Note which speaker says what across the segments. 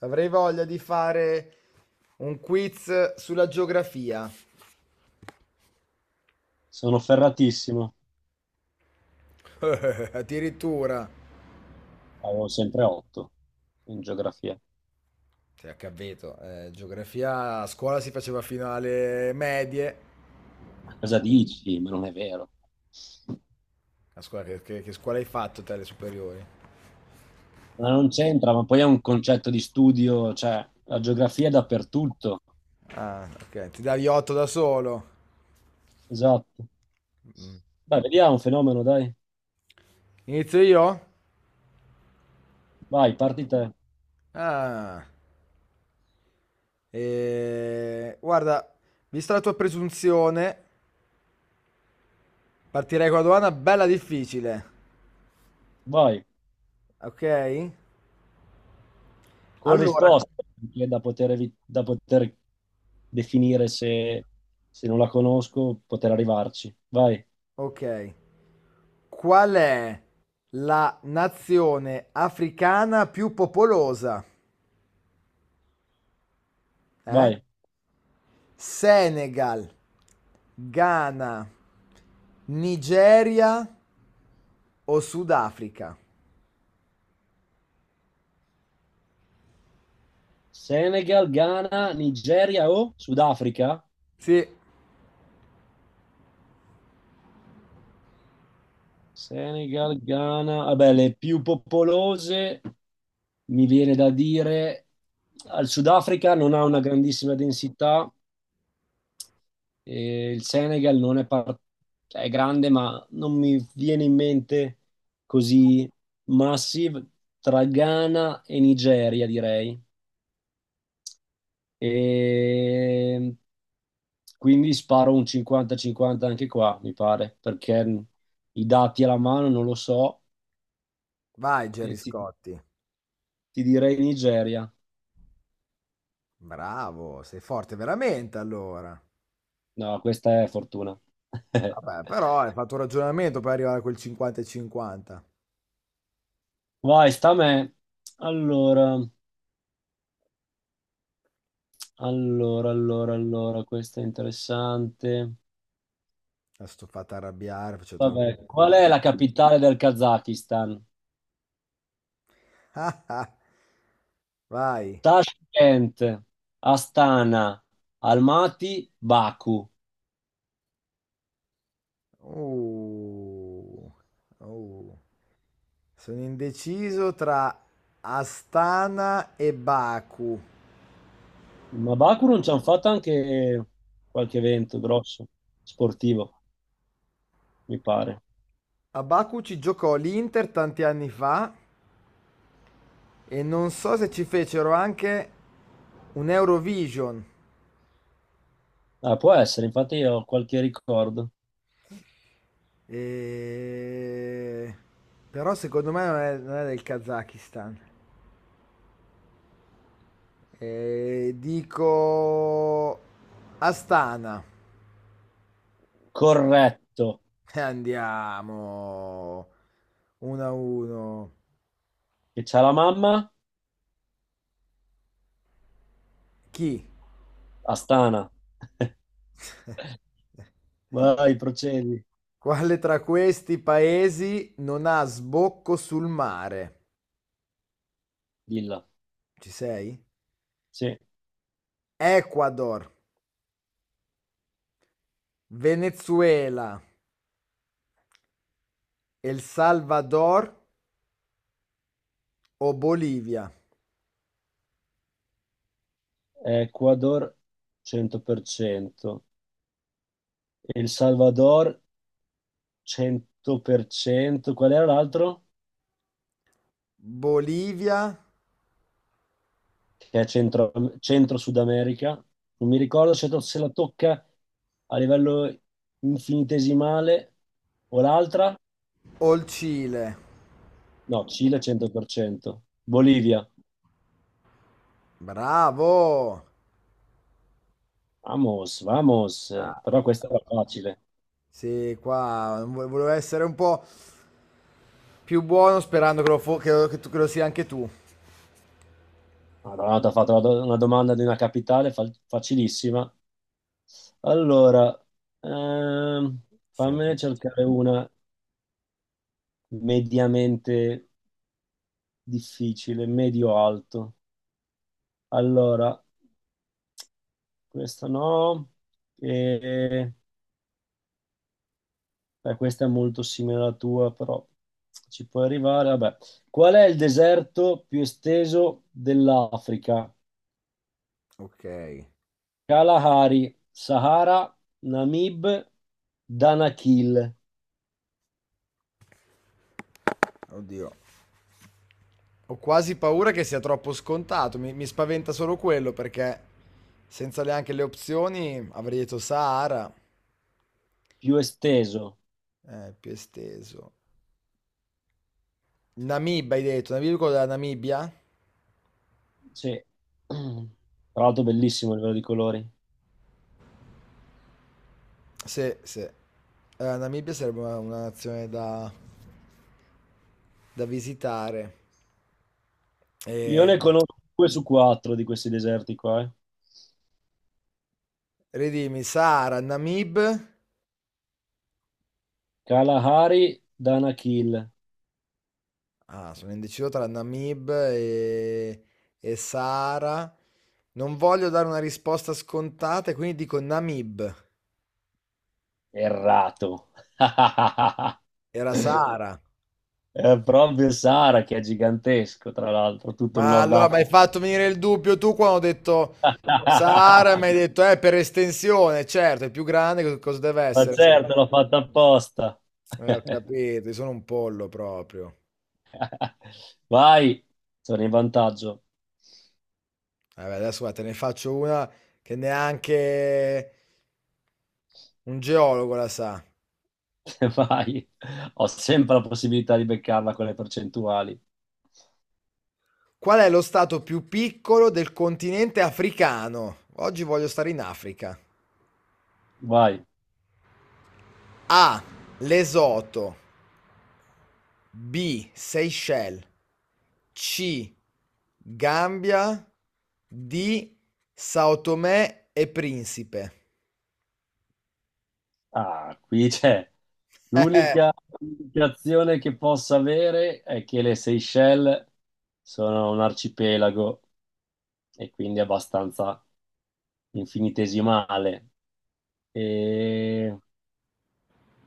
Speaker 1: Avrei voglia di fare un quiz sulla geografia.
Speaker 2: Sono ferratissimo.
Speaker 1: Addirittura.
Speaker 2: Avevo sempre 8 in geografia.
Speaker 1: Sei a capito, geografia a scuola si faceva fino alle medie.
Speaker 2: Ma cosa dici? Ma non è vero.
Speaker 1: A scuola, che scuola hai fatto te alle superiori?
Speaker 2: Ma non c'entra, ma poi è un concetto di studio, cioè la geografia è dappertutto.
Speaker 1: Ah, ok, ti davi 8 da solo.
Speaker 2: Esatto.
Speaker 1: Mm.
Speaker 2: Dai, vediamo un fenomeno, dai.
Speaker 1: Inizio io?
Speaker 2: Vai, parti te.
Speaker 1: Ah, guarda, vista la tua presunzione, partirei con una domanda bella difficile.
Speaker 2: Vai.
Speaker 1: Ok?
Speaker 2: Con
Speaker 1: Allora,
Speaker 2: risposte, che è da poter, da poter definire se non la conosco, poter arrivarci. Vai,
Speaker 1: ok. Qual è la nazione africana più popolosa? Eh?
Speaker 2: vai.
Speaker 1: Senegal, Ghana, Nigeria o Sudafrica?
Speaker 2: Senegal, Ghana, Nigeria o Sudafrica?
Speaker 1: Sì,
Speaker 2: Senegal, Ghana, vabbè, le più popolose mi viene da dire al Sudafrica non ha una grandissima densità e il Senegal non è, cioè, è grande, ma non mi viene in mente così massive tra Ghana e Nigeria, direi. E quindi sparo un 50-50 anche qua, mi pare, perché i dati alla mano non lo so.
Speaker 1: vai
Speaker 2: E
Speaker 1: Gerry
Speaker 2: ti-
Speaker 1: Scotti.
Speaker 2: Ti direi Nigeria.
Speaker 1: Bravo, sei forte veramente allora.
Speaker 2: No, questa è fortuna.
Speaker 1: Vabbè, però hai fatto un ragionamento per arrivare a quel 50 e 50.
Speaker 2: Vai, sta a me. Allora, allora, questa è interessante.
Speaker 1: Adesso ti ho fatto arrabbiare, faccio un po'
Speaker 2: Vabbè, qual è
Speaker 1: difficile.
Speaker 2: la capitale del Kazakistan?
Speaker 1: Vai.
Speaker 2: Tashkent, Astana, Almaty, Baku.
Speaker 1: Oh, oh. Sono indeciso tra Astana e Baku.
Speaker 2: Ma Baku non ci hanno fatto anche qualche evento grosso, sportivo, mi pare.
Speaker 1: A Baku ci giocò l'Inter tanti anni fa e non so se ci fecero anche un Eurovision.
Speaker 2: Ah, può essere, infatti io ho qualche ricordo.
Speaker 1: E- Però secondo me non è del Kazakistan. E dico Astana.
Speaker 2: Corretto.
Speaker 1: E andiamo 1 a 1.
Speaker 2: Che c'ha la mamma?
Speaker 1: Chi?
Speaker 2: Astana. Vai, procedi.
Speaker 1: Quale tra questi paesi non ha sbocco sul mare?
Speaker 2: Dilla.
Speaker 1: Ci sei?
Speaker 2: Sì.
Speaker 1: Ecuador, Venezuela, El Salvador o Bolivia?
Speaker 2: Ecuador 100%. El Salvador 100%. Qual era l'altro?
Speaker 1: Bolivia
Speaker 2: Che è centro Sud America. Non mi ricordo se la tocca a livello infinitesimale o l'altra.
Speaker 1: o il Cile?
Speaker 2: No, Cile 100%. Bolivia.
Speaker 1: Bravo!
Speaker 2: Vamos, vamos. Però
Speaker 1: Bravo.
Speaker 2: questa era facile.
Speaker 1: Sì, qua volevo essere un po' più buono sperando che lo, fo- che lo- che tu- che lo sia anche tu.
Speaker 2: Madonna, ti ha fatto una domanda di una capitale facilissima. Allora, ehm,
Speaker 1: Insomma,
Speaker 2: fammene cercare una mediamente difficile, medio-alto. Allora, questa no, e, beh, questa è molto simile alla tua, però ci puoi arrivare. Vabbè. Qual è il deserto più esteso dell'Africa?
Speaker 1: ok.
Speaker 2: Kalahari, Sahara, Namib, Danakil,
Speaker 1: Oddio. Ho quasi paura che sia troppo scontato, mi spaventa solo quello perché senza neanche le opzioni avrei detto Sahara,
Speaker 2: più esteso.
Speaker 1: più esteso. Namibia hai detto, Namibia quello della Namibia?
Speaker 2: Sì. Tra l'altro bellissimo a livello di colori.
Speaker 1: Sì, sì. Namibia sarebbe una, nazione da visitare.
Speaker 2: Io
Speaker 1: E,
Speaker 2: ne conosco due su quattro di questi deserti qua.
Speaker 1: ridimmi, Sahara, Namib.
Speaker 2: Kalahari, Danakil.
Speaker 1: Ah, sono indeciso tra Namib e Sahara. Non voglio dare una risposta scontata, e quindi dico Namib.
Speaker 2: Errato.
Speaker 1: Era Sara.
Speaker 2: È proprio il Sahara che è gigantesco, tra l'altro, tutto il
Speaker 1: Ma
Speaker 2: Nord
Speaker 1: allora mi hai
Speaker 2: Africa.
Speaker 1: fatto venire il dubbio tu quando ho detto Sara, mi hai detto, per estensione, certo, è più grande, cosa deve
Speaker 2: Ma
Speaker 1: essere? Se no?
Speaker 2: certo, l'ho fatta apposta.
Speaker 1: Ho capito, io sono un pollo proprio.
Speaker 2: Vai, sono in vantaggio.
Speaker 1: Vabbè, adesso guarda, te ne faccio una che neanche un geologo la sa.
Speaker 2: Vai. Ho sempre la possibilità di beccarla con le percentuali.
Speaker 1: Qual è lo stato più piccolo del continente africano? Oggi voglio stare in Africa.
Speaker 2: Vai.
Speaker 1: A. Lesoto. B. Seychelles. C. Gambia. D. Sao Tomé e Principe.
Speaker 2: Ah, qui c'è.
Speaker 1: Eh,
Speaker 2: L'unica indicazione che possa avere è che le Seychelles sono un arcipelago e quindi abbastanza infinitesimale. E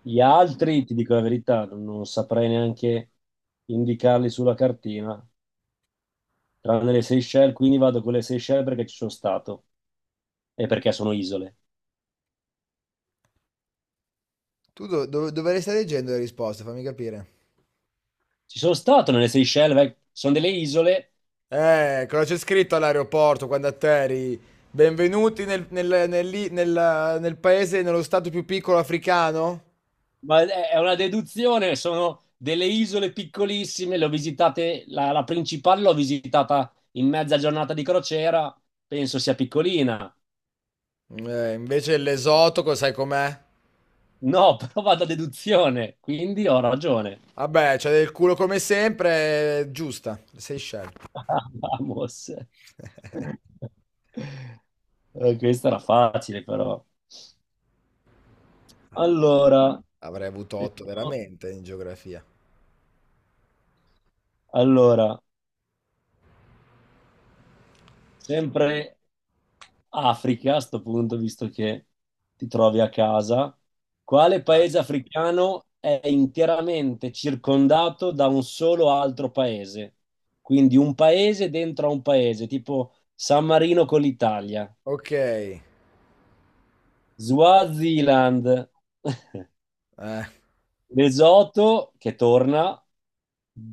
Speaker 2: gli altri, ti dico la verità, non saprei neanche indicarli sulla cartina, tranne le Seychelles, quindi vado con le Seychelles perché ci sono stato e perché sono isole.
Speaker 1: tu dovresti stare leggendo le risposte, fammi capire.
Speaker 2: Ci sono stato nelle Seychelles, sono delle isole.
Speaker 1: Cosa c'è scritto all'aeroporto quando atterri? Benvenuti nel paese, nello stato più piccolo africano?
Speaker 2: Ma è una deduzione, sono delle isole piccolissime, le ho visitate, la principale l'ho visitata in mezza giornata di crociera, penso sia piccolina.
Speaker 1: Invece l'esotico, sai com'è?
Speaker 2: No, però vado a deduzione, quindi ho ragione.
Speaker 1: Vabbè, c'è del culo come sempre, giusta. Seychelles.
Speaker 2: Vamos. Questa era facile, però. Allora,
Speaker 1: Avrei avuto
Speaker 2: vediamo.
Speaker 1: 8 veramente in geografia.
Speaker 2: allora, Sempre Africa a sto punto, visto che ti trovi a casa. Quale
Speaker 1: Vai.
Speaker 2: paese africano è interamente circondato da un solo altro paese? Quindi un paese dentro a un paese, tipo San Marino con l'Italia.
Speaker 1: Ok,
Speaker 2: Swaziland, Lesotho che torna,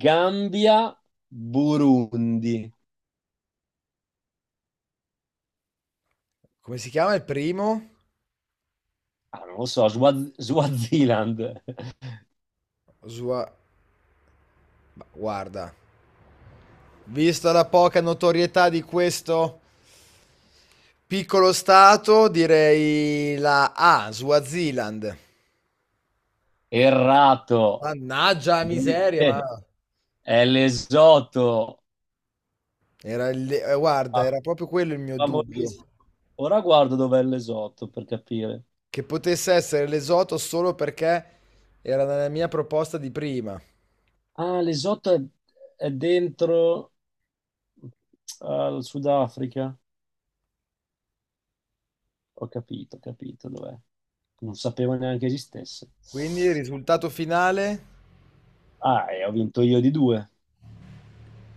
Speaker 2: Gambia, Burundi.
Speaker 1: come si chiama il primo?
Speaker 2: Ah, non lo so, Swaziland.
Speaker 1: Osua... ma guarda, vista la poca notorietà di questo piccolo stato, direi la A, Swaziland.
Speaker 2: Errato.
Speaker 1: Mannaggia la miseria, ma
Speaker 2: È l'esotto,
Speaker 1: guarda,
Speaker 2: Fa-
Speaker 1: era proprio quello il mio dubbio,
Speaker 2: famosissimo. Ora guardo dov'è l'esotto per capire.
Speaker 1: che potesse essere l'esoto solo perché era nella mia proposta di prima.
Speaker 2: Ah, l'esotto è dentro al Sudafrica. Ho capito dov'è. Non sapevo neanche esistesse.
Speaker 1: Quindi il risultato finale?
Speaker 2: Ah, e ho vinto io di due.